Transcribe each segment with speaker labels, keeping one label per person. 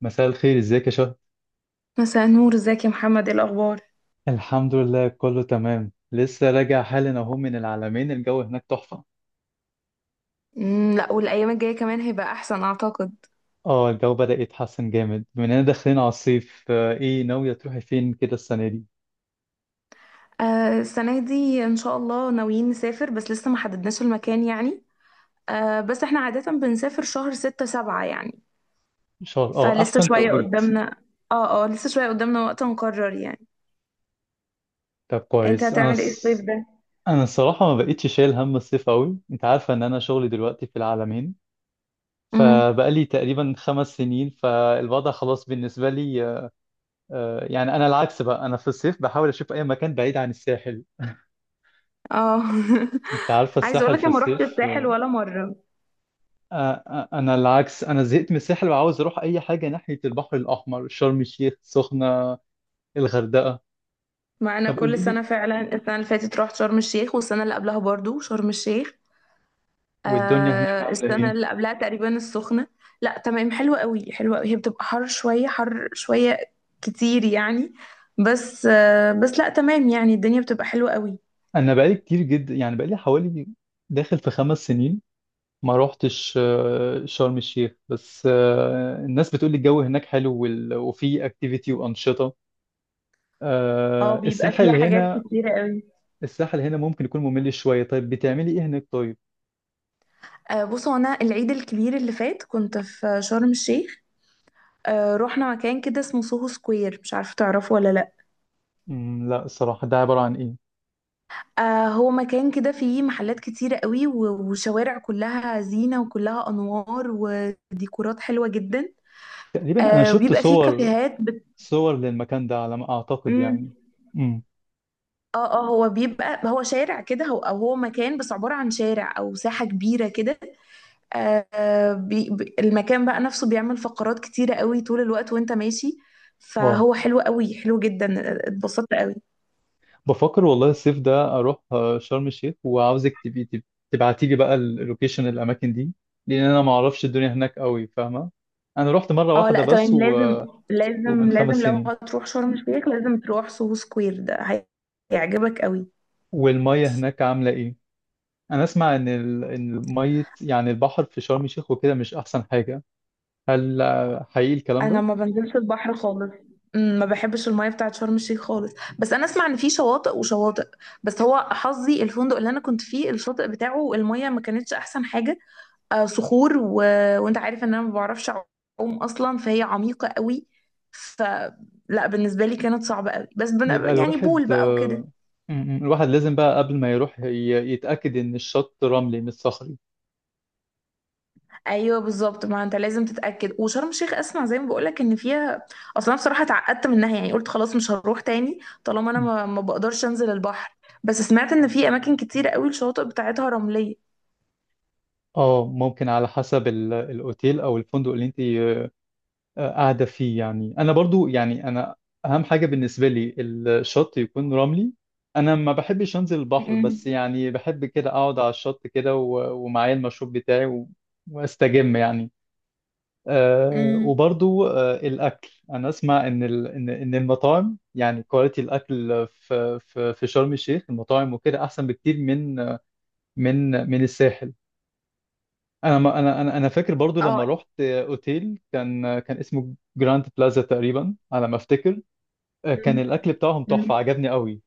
Speaker 1: مساء الخير، ازيك يا شهد؟
Speaker 2: مساء النور، ازيك يا محمد؟ ايه الاخبار؟
Speaker 1: الحمد لله، كله تمام. لسه راجع حالا اهو من العلمين، الجو هناك تحفة.
Speaker 2: لا، والايام الجايه كمان هيبقى احسن اعتقد.
Speaker 1: اه، الجو بدأ يتحسن جامد بما اننا داخلين على الصيف. ايه ناوية تروحي فين كده السنة دي؟
Speaker 2: آه، السنه دي ان شاء الله ناويين نسافر، بس لسه ما حددناش المكان يعني. آه، بس احنا عاده بنسافر شهر ستة سبعة يعني.
Speaker 1: ان شاء الله. اه
Speaker 2: فلسه
Speaker 1: احسن
Speaker 2: شويه
Speaker 1: توقيت.
Speaker 2: قدامنا. اه، اه، لسه شويه قدامنا وقت نقرر يعني.
Speaker 1: طب
Speaker 2: انت
Speaker 1: كويس.
Speaker 2: هتعمل ايه الصيف ده؟
Speaker 1: انا الصراحة ما بقتش شايل هم الصيف قوي. انت عارفة ان انا شغلي دلوقتي في العلمين،
Speaker 2: امم.
Speaker 1: فبقالي تقريبا 5 سنين، فالوضع خلاص بالنسبة لي. يعني انا العكس بقى، انا في الصيف بحاول اشوف اي مكان بعيد عن الساحل.
Speaker 2: اه.
Speaker 1: انت عارفة
Speaker 2: عايز
Speaker 1: الساحل
Speaker 2: اقولك
Speaker 1: في
Speaker 2: انا ما روحتش
Speaker 1: الصيف.
Speaker 2: الساحل ولا مره.
Speaker 1: انا العكس، انا زهقت من الساحل وعاوز اروح اي حاجه ناحيه البحر الاحمر، شرم الشيخ، سخنه، الغردقه.
Speaker 2: مع انا
Speaker 1: طب
Speaker 2: كل
Speaker 1: قولي لي،
Speaker 2: سنه فعلا السنه اللي فاتت رحت شرم الشيخ، والسنه اللي قبلها برضو شرم الشيخ.
Speaker 1: والدنيا هناك
Speaker 2: آه،
Speaker 1: عامله
Speaker 2: السنة
Speaker 1: ايه؟
Speaker 2: اللي قبلها تقريبا السخنة. لا، تمام، حلوة قوي حلوة قوي، هي بتبقى حر شوية حر شوية كتير يعني. بس بس لا، تمام، يعني الدنيا بتبقى حلوة قوي.
Speaker 1: انا بقالي كتير جدا، يعني بقالي حوالي داخل في 5 سنين ما روحتش شرم الشيخ. بس الناس بتقول لي الجو هناك حلو وفي اكتيفيتي وانشطه.
Speaker 2: اه، بيبقى فيها
Speaker 1: الساحل
Speaker 2: حاجات
Speaker 1: هنا،
Speaker 2: كتيرة قوي.
Speaker 1: الساحل هنا ممكن يكون ممل شويه. طيب بتعملي ايه هناك؟ طيب.
Speaker 2: آه، بصوا انا العيد الكبير اللي فات كنت في شرم الشيخ. آه، رحنا مكان كده اسمه سوهو سكوير، مش عارفة تعرفه ولا لا.
Speaker 1: مم، لا. الصراحه ده عباره عن ايه؟
Speaker 2: آه، هو مكان كده فيه محلات كتيرة قوي وشوارع كلها زينة وكلها أنوار وديكورات حلوة جدا.
Speaker 1: تقريبا انا
Speaker 2: آه،
Speaker 1: شفت
Speaker 2: وبيبقى فيه
Speaker 1: صور،
Speaker 2: كافيهات.
Speaker 1: صور للمكان ده على ما أعتقد
Speaker 2: امم.
Speaker 1: يعني. امم.
Speaker 2: اه، اه، هو بيبقى هو شارع كده، هو او مكان، بس عبارة عن شارع او ساحة كبيرة كده. المكان بقى نفسه بيعمل فقرات كتيرة قوي طول الوقت وانت ماشي،
Speaker 1: واو.
Speaker 2: فهو حلو قوي حلو جدا. اتبسطت قوي.
Speaker 1: بفكر والله الصيف ده أروح شرم الشيخ، وعاوزك تبقي تبعتي لي بقى اللوكيشن، الأماكن دي، لأن أنا ما أعرفش الدنيا هناك قوي، فاهمة؟ أنا رحت مرة
Speaker 2: اه،
Speaker 1: واحدة
Speaker 2: لا،
Speaker 1: بس
Speaker 2: تمام، لازم.
Speaker 1: ومن
Speaker 2: لازم
Speaker 1: خمس
Speaker 2: لازم، لو
Speaker 1: سنين
Speaker 2: هتروح شرم الشيخ لازم تروح سوهو سكوير ده، هيعجبك قوي.
Speaker 1: والمية هناك عاملة إيه؟ أنا أسمع إن المية، يعني البحر في شرم الشيخ وكده مش أحسن حاجة. هل حقيقي الكلام
Speaker 2: انا
Speaker 1: ده؟
Speaker 2: ما بنزلش البحر خالص. ما بحبش المية بتاعت شرم الشيخ خالص. بس انا اسمع ان في شواطئ وشواطئ. بس هو حظي الفندق اللي انا كنت فيه الشاطئ بتاعه المية ما كانتش احسن حاجة. آه، صخور. و... وانت عارف ان انا ما بعرفش اعوم اصلا، فهي عميقة قوي، فلا بالنسبة لي كانت صعبة قوي. بس
Speaker 1: يبقى
Speaker 2: يعني
Speaker 1: الواحد،
Speaker 2: بول بقى وكده.
Speaker 1: آه، م- م، الواحد لازم بقى قبل ما يروح يتأكد إن الشط رملي مش صخري.
Speaker 2: ايوه، بالظبط، ما انت لازم تتاكد. وشرم الشيخ اسمع زي ما بقولك ان فيها، اصلا انا بصراحه اتعقدت منها، يعني قلت خلاص مش هروح تاني طالما انا ما بقدرش انزل البحر. بس سمعت ان في اماكن كتير قوي الشواطئ بتاعتها رمليه.
Speaker 1: اه، ممكن على حسب الاوتيل او الفندق اللي انت قاعده فيه. يعني انا برضو، يعني انا اهم حاجه بالنسبه لي الشط يكون رملي. انا ما بحبش انزل البحر،
Speaker 2: مم.
Speaker 1: بس يعني بحب كده اقعد على الشط كده، ومعايا المشروب بتاعي واستجم يعني. أه،
Speaker 2: امم.
Speaker 1: وبرضو أه الاكل، انا اسمع ان ال- ان إن المطاعم، يعني كواليتي الاكل في شرم الشيخ، المطاعم وكده احسن بكتير من من الساحل. ما انا فاكر برضو لما
Speaker 2: اه.
Speaker 1: رحت اوتيل كان اسمه جراند بلازا تقريبا على ما افتكر. كان الاكل بتاعهم تحفه،
Speaker 2: مم.
Speaker 1: عجبني قوي.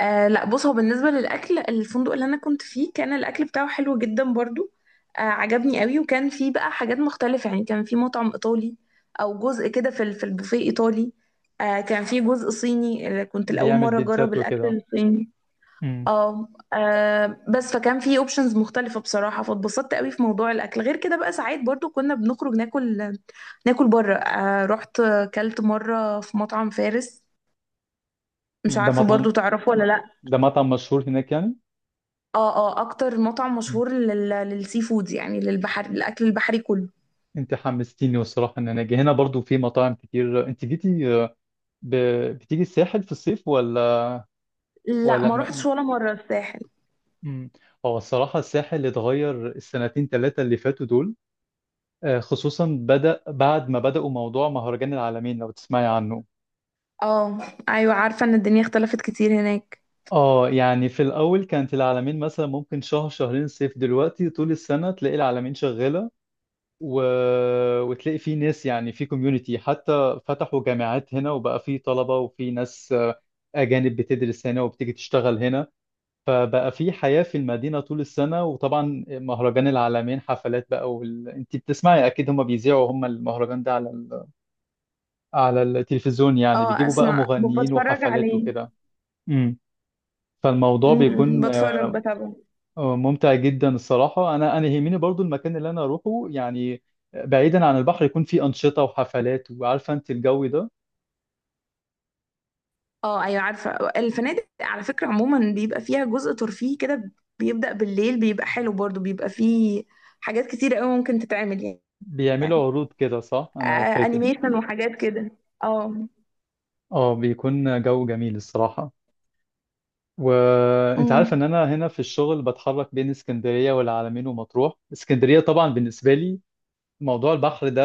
Speaker 2: آه، لا، بص، هو بالنسبة للأكل الفندق اللي أنا كنت فيه كان الأكل بتاعه حلو جدا برضو. آه، عجبني قوي، وكان فيه بقى حاجات مختلفة، يعني كان فيه مطعم إيطالي، أو جزء كده في في البوفيه إيطالي. آه، كان فيه جزء صيني اللي كنت لأول
Speaker 1: بيعمل
Speaker 2: مرة أجرب
Speaker 1: بيتزات
Speaker 2: الأكل
Speaker 1: وكده.
Speaker 2: الصيني.
Speaker 1: امم.
Speaker 2: اه، آه، بس فكان فيه اوبشنز مختلفة بصراحة فاتبسطت قوي في موضوع الأكل. غير كده بقى ساعات برضو كنا بنخرج ناكل، ناكل بره. آه، رحت كلت مرة في مطعم فارس، مش
Speaker 1: ده
Speaker 2: عارفة
Speaker 1: مطعم
Speaker 2: برضو تعرفه ولا لأ.
Speaker 1: ده مطعم مشهور هناك يعني؟
Speaker 2: اه، اه، اكتر مطعم
Speaker 1: مم.
Speaker 2: مشهور للسي فود، يعني للبحر، الاكل البحري كله.
Speaker 1: انت حمستيني، والصراحه ان انا اجي هنا برضو في مطاعم كتير. انت جيتي ب... بتيجي الساحل في الصيف ولا؟
Speaker 2: لا،
Speaker 1: ولا
Speaker 2: ما
Speaker 1: م...
Speaker 2: روحتش ولا مره الساحل.
Speaker 1: مم. هو الصراحه الساحل اتغير السنتين ثلاثه اللي فاتوا دول، خصوصا بدأ بعد ما بدأوا موضوع مهرجان العالمين لو تسمعي عنه.
Speaker 2: اه، ايوه، عارفه ان الدنيا اختلفت كتير هناك.
Speaker 1: اه، يعني في الأول كانت العلمين مثلا ممكن شهر شهرين صيف، دلوقتي طول السنة تلاقي العلمين شغالة، و... وتلاقي في ناس، يعني في كوميونتي. حتى فتحوا جامعات هنا وبقى في طلبة وفي ناس أجانب بتدرس هنا وبتيجي تشتغل هنا. فبقى في حياة في المدينة طول السنة. وطبعا مهرجان العلمين، حفلات بقى، انت بتسمعي أكيد، هما بيذيعوا هما المهرجان ده على التلفزيون، يعني
Speaker 2: اه،
Speaker 1: بيجيبوا بقى
Speaker 2: اسمع،
Speaker 1: مغنيين
Speaker 2: بتفرج
Speaker 1: وحفلات
Speaker 2: عليه.
Speaker 1: وكده. امم. فالموضوع بيكون
Speaker 2: بتفرج بتابعه.
Speaker 1: ممتع جدا الصراحة. أنا يهمني برضو المكان اللي أنا أروحه يعني، بعيدا عن البحر، يكون فيه أنشطة وحفلات، وعارفة أنت الجو ده.
Speaker 2: اه، ايوه، عارفه الفنادق على فكره عموما بيبقى فيها جزء ترفيهي كده، بيبدا بالليل بيبقى حلو، برضو بيبقى فيه حاجات كتير قوي ممكن تتعمل يعني. يعني
Speaker 1: بيعملوا عروض كده، صح؟
Speaker 2: آه،
Speaker 1: أنا فاكر.
Speaker 2: انيميشن وحاجات كده. اه.
Speaker 1: أه، بيكون جو جميل الصراحة. وأنت عارف
Speaker 2: امم.
Speaker 1: إن أنا هنا في الشغل بتحرك بين اسكندرية والعلمين ومطروح. اسكندرية طبعا بالنسبة لي موضوع البحر ده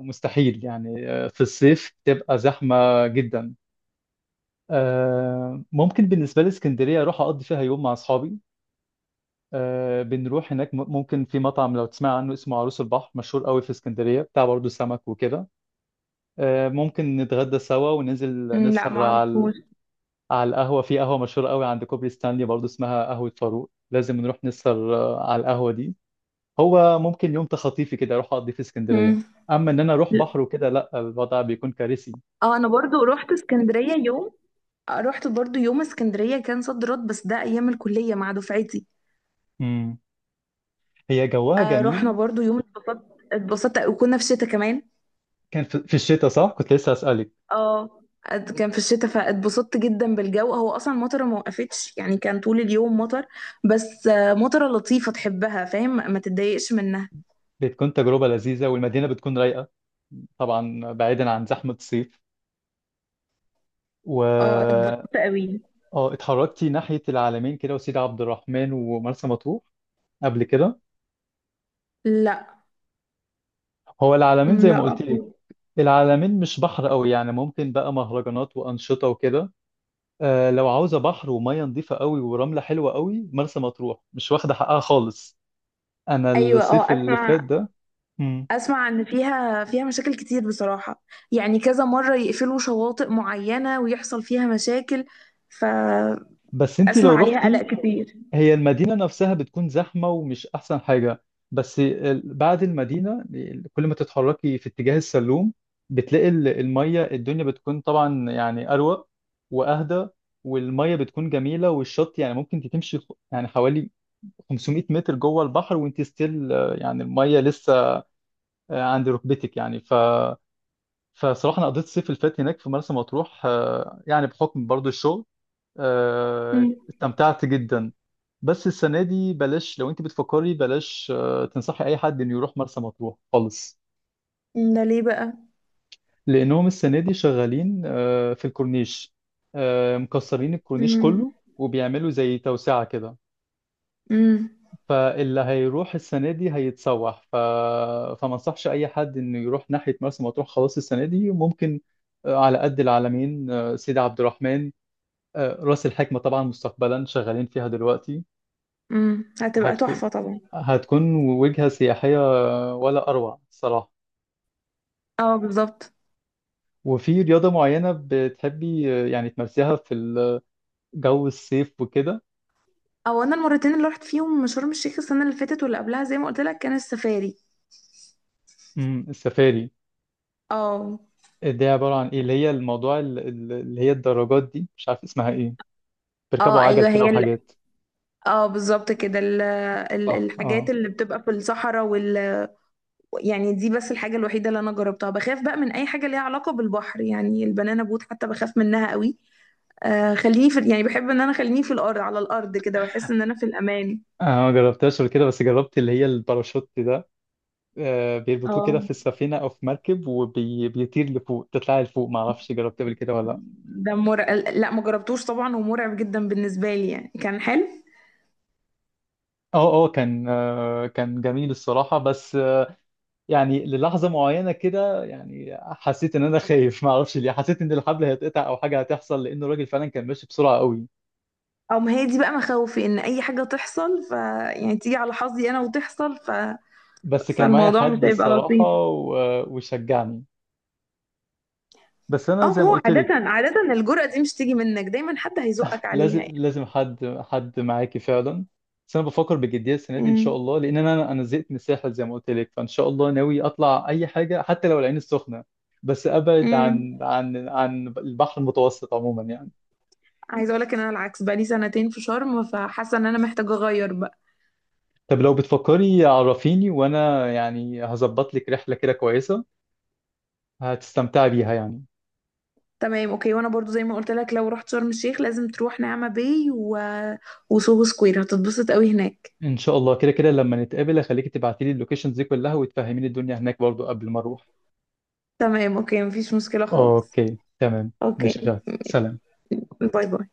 Speaker 1: مستحيل يعني، في الصيف تبقى زحمة جدا. ممكن بالنسبة لي اسكندرية أروح أقضي فيها يوم مع أصحابي. بنروح هناك ممكن في مطعم، لو تسمع عنه، اسمه عروس البحر، مشهور قوي في اسكندرية، بتاع برضه سمك وكده. ممكن نتغدى سوا، وننزل
Speaker 2: أمم، لا،
Speaker 1: نسهر
Speaker 2: ما
Speaker 1: على
Speaker 2: اعرفوش.
Speaker 1: على القهوة. في قهوة مشهورة قوي عند كوبري ستانلي، برضه اسمها قهوة فاروق، لازم نروح نسهر على القهوة دي. هو ممكن يوم تخطيفي كده اروح اقضي في اسكندرية،
Speaker 2: امم.
Speaker 1: اما ان انا اروح بحر وكده لا، الوضع بيكون كارثي.
Speaker 2: اه، انا برضو رحت اسكندرية يوم. آه، رحت برضو يوم اسكندرية، كان صد رد، بس ده ايام الكلية مع دفعتي.
Speaker 1: مم. هي جوها
Speaker 2: آه، رحنا
Speaker 1: جميل.
Speaker 2: برضو يوم، اتبسطت اتبسطت، وكنا في الشتاء كمان.
Speaker 1: كان في الشتاء، صح؟ كنت لسه اسالك.
Speaker 2: اه. كان في الشتاء فاتبسطت جدا بالجو، هو اصلا المطره ما وقفتش، يعني كان طول اليوم مطر. بس مطره لطيفة تحبها، فاهم، ما تتضايقش منها.
Speaker 1: بتكون تجربة لذيذة، والمدينة بتكون رايقة، طبعا بعيدا عن زحمة الصيف.
Speaker 2: اه،
Speaker 1: و
Speaker 2: اتبسطت قوي.
Speaker 1: اه، اتحركتي ناحية العلمين كده وسيدي عبد الرحمن ومرسى مطروح قبل كده؟
Speaker 2: لا.
Speaker 1: هو العلمين
Speaker 2: م،
Speaker 1: زي ما قلت
Speaker 2: لا.
Speaker 1: لك، العلمين مش بحر قوي، يعني ممكن بقى مهرجانات وأنشطة وكده. لو عاوزة بحر ومية نظيفة قوي ورملة حلوة قوي، مرسى مطروح مش واخدة حقها خالص. أنا
Speaker 2: ايوه.
Speaker 1: الصيف
Speaker 2: اه،
Speaker 1: اللي فات
Speaker 2: اسمع.
Speaker 1: ده. مم.
Speaker 2: اسمع ان فيها مشاكل كتير بصراحة، يعني كذا مرة يقفلوا شواطئ معينة ويحصل فيها مشاكل، فاسمع
Speaker 1: بس انتي لو
Speaker 2: عليها قلق
Speaker 1: رحتي،
Speaker 2: كتير.
Speaker 1: هي المدينة نفسها بتكون زحمة ومش أحسن حاجة، بس بعد المدينة كل ما تتحركي في اتجاه السلوم بتلاقي المية، الدنيا بتكون طبعا يعني أروق وأهدى، والمية بتكون جميلة، والشط يعني ممكن انت تمشي يعني حوالي 500 متر جوه البحر وانت ستيل، يعني المية لسه عند ركبتك يعني. فصراحة أنا قضيت الصيف اللي فات هناك في مرسى مطروح، يعني بحكم برضو الشغل،
Speaker 2: مم.
Speaker 1: استمتعت جدا. بس السنة دي بلاش، لو انت بتفكري بلاش تنصحي اي حد انه يروح مرسى مطروح خالص.
Speaker 2: مم، ده ليه بقى؟
Speaker 1: لانهم السنة دي شغالين في الكورنيش، مكسرين الكورنيش
Speaker 2: مم.
Speaker 1: كله وبيعملوا زي توسعة كده.
Speaker 2: مم.
Speaker 1: فاللي هيروح السنة دي هيتسوح. فما انصحش اي حد انه يروح ناحية مرسى مطروح خلاص السنة دي. ممكن على قد العلمين، سيدي عبد الرحمن، راس الحكمة. طبعا مستقبلا شغالين فيها دلوقتي،
Speaker 2: مم. هتبقى
Speaker 1: هتكون
Speaker 2: تحفة طبعا.
Speaker 1: هتكون وجهة سياحية، ولا أروع الصراحة.
Speaker 2: اه، بالظبط.
Speaker 1: وفي رياضة معينة بتحبي يعني تمارسيها في جو الصيف وكده؟
Speaker 2: او انا المرتين اللي رحت فيهم شرم الشيخ السنة اللي فاتت واللي قبلها زي ما قلت لك كان السفاري.
Speaker 1: السفاري،
Speaker 2: اه،
Speaker 1: دي عبارة عن إيه؟ اللي هي الموضوع اللي هي الدراجات دي، مش عارف اسمها إيه،
Speaker 2: اه،
Speaker 1: بيركبوا عجل
Speaker 2: ايوه،
Speaker 1: كده وحاجات؟
Speaker 2: اه، بالظبط كده،
Speaker 1: صح،
Speaker 2: الحاجات
Speaker 1: اه.
Speaker 2: اللي بتبقى في الصحراء. وال... يعني دي بس الحاجة الوحيدة اللي أنا جربتها. بخاف بقى من أي حاجة ليها علاقة بالبحر، يعني البنانا بوت حتى بخاف منها قوي. آه، خليني في، يعني بحب إن أنا خليني في الأرض، على الأرض كده بحس إن أنا في الأمان.
Speaker 1: انا ما جربتهاش قبل كده، بس جربت اللي هي الباراشوت ده. بيربطوه كده
Speaker 2: اه،
Speaker 1: في السفينه او في مركب وبيطير لفوق، تطلع لفوق، ما اعرفش جربت قبل كده ولا لا.
Speaker 2: ده مرعب. لا، ما جربتوش طبعا، ومرعب جدا بالنسبة لي، يعني كان حلو.
Speaker 1: اه اه، كان كان جميل الصراحه، بس يعني للحظة معينة كده يعني حسيت ان انا خايف، ما اعرفش ليه، حسيت ان الحبل هيتقطع او حاجة هتحصل، لان الراجل فعلا كان ماشي بسرعة قوي.
Speaker 2: أو ما هي دي بقى مخاوفي، إن أي حاجة تحصل، ف يعني تيجي على حظي أنا وتحصل. ف...
Speaker 1: بس كان معايا
Speaker 2: فالموضوع مش
Speaker 1: حد
Speaker 2: هيبقى لطيف.
Speaker 1: الصراحة وشجعني. بس انا
Speaker 2: اه،
Speaker 1: زي
Speaker 2: ما
Speaker 1: ما
Speaker 2: هو
Speaker 1: قلت
Speaker 2: عادة،
Speaker 1: لك،
Speaker 2: عادة الجرأة دي مش تيجي منك، دايما حد هيزقك عليها
Speaker 1: لازم
Speaker 2: يعني.
Speaker 1: لازم حد حد معاكي فعلا. بس انا بفكر بجدية السنة دي ان شاء الله، لان انا زهقت من الساحل زي ما قلت لك، فان شاء الله ناوي اطلع اي حاجة حتى لو العين السخنة، بس ابعد
Speaker 2: امم.
Speaker 1: عن عن البحر المتوسط عموما يعني.
Speaker 2: عايزه اقول لك ان انا العكس، بقى لي سنتين في شرم، فحاسه ان انا محتاجه اغير بقى.
Speaker 1: طب لو بتفكري عرفيني وانا يعني هظبط لك رحله كده كويسه، هتستمتعي بيها يعني.
Speaker 2: تمام، اوكي، وانا برضو زي ما قلت لك لو رحت شرم الشيخ لازم تروح نعمة باي و... وسوهو سكوير، هتتبسط قوي هناك.
Speaker 1: ان شاء الله كده كده لما نتقابل هخليكي تبعتي لي اللوكيشنز دي كلها، وتفهميني الدنيا هناك برضو قبل ما اروح.
Speaker 2: تمام، اوكي، مفيش مشكله خالص.
Speaker 1: اوكي تمام،
Speaker 2: اوكي.
Speaker 1: ماشي يا شهد. سلام.
Speaker 2: باي باي.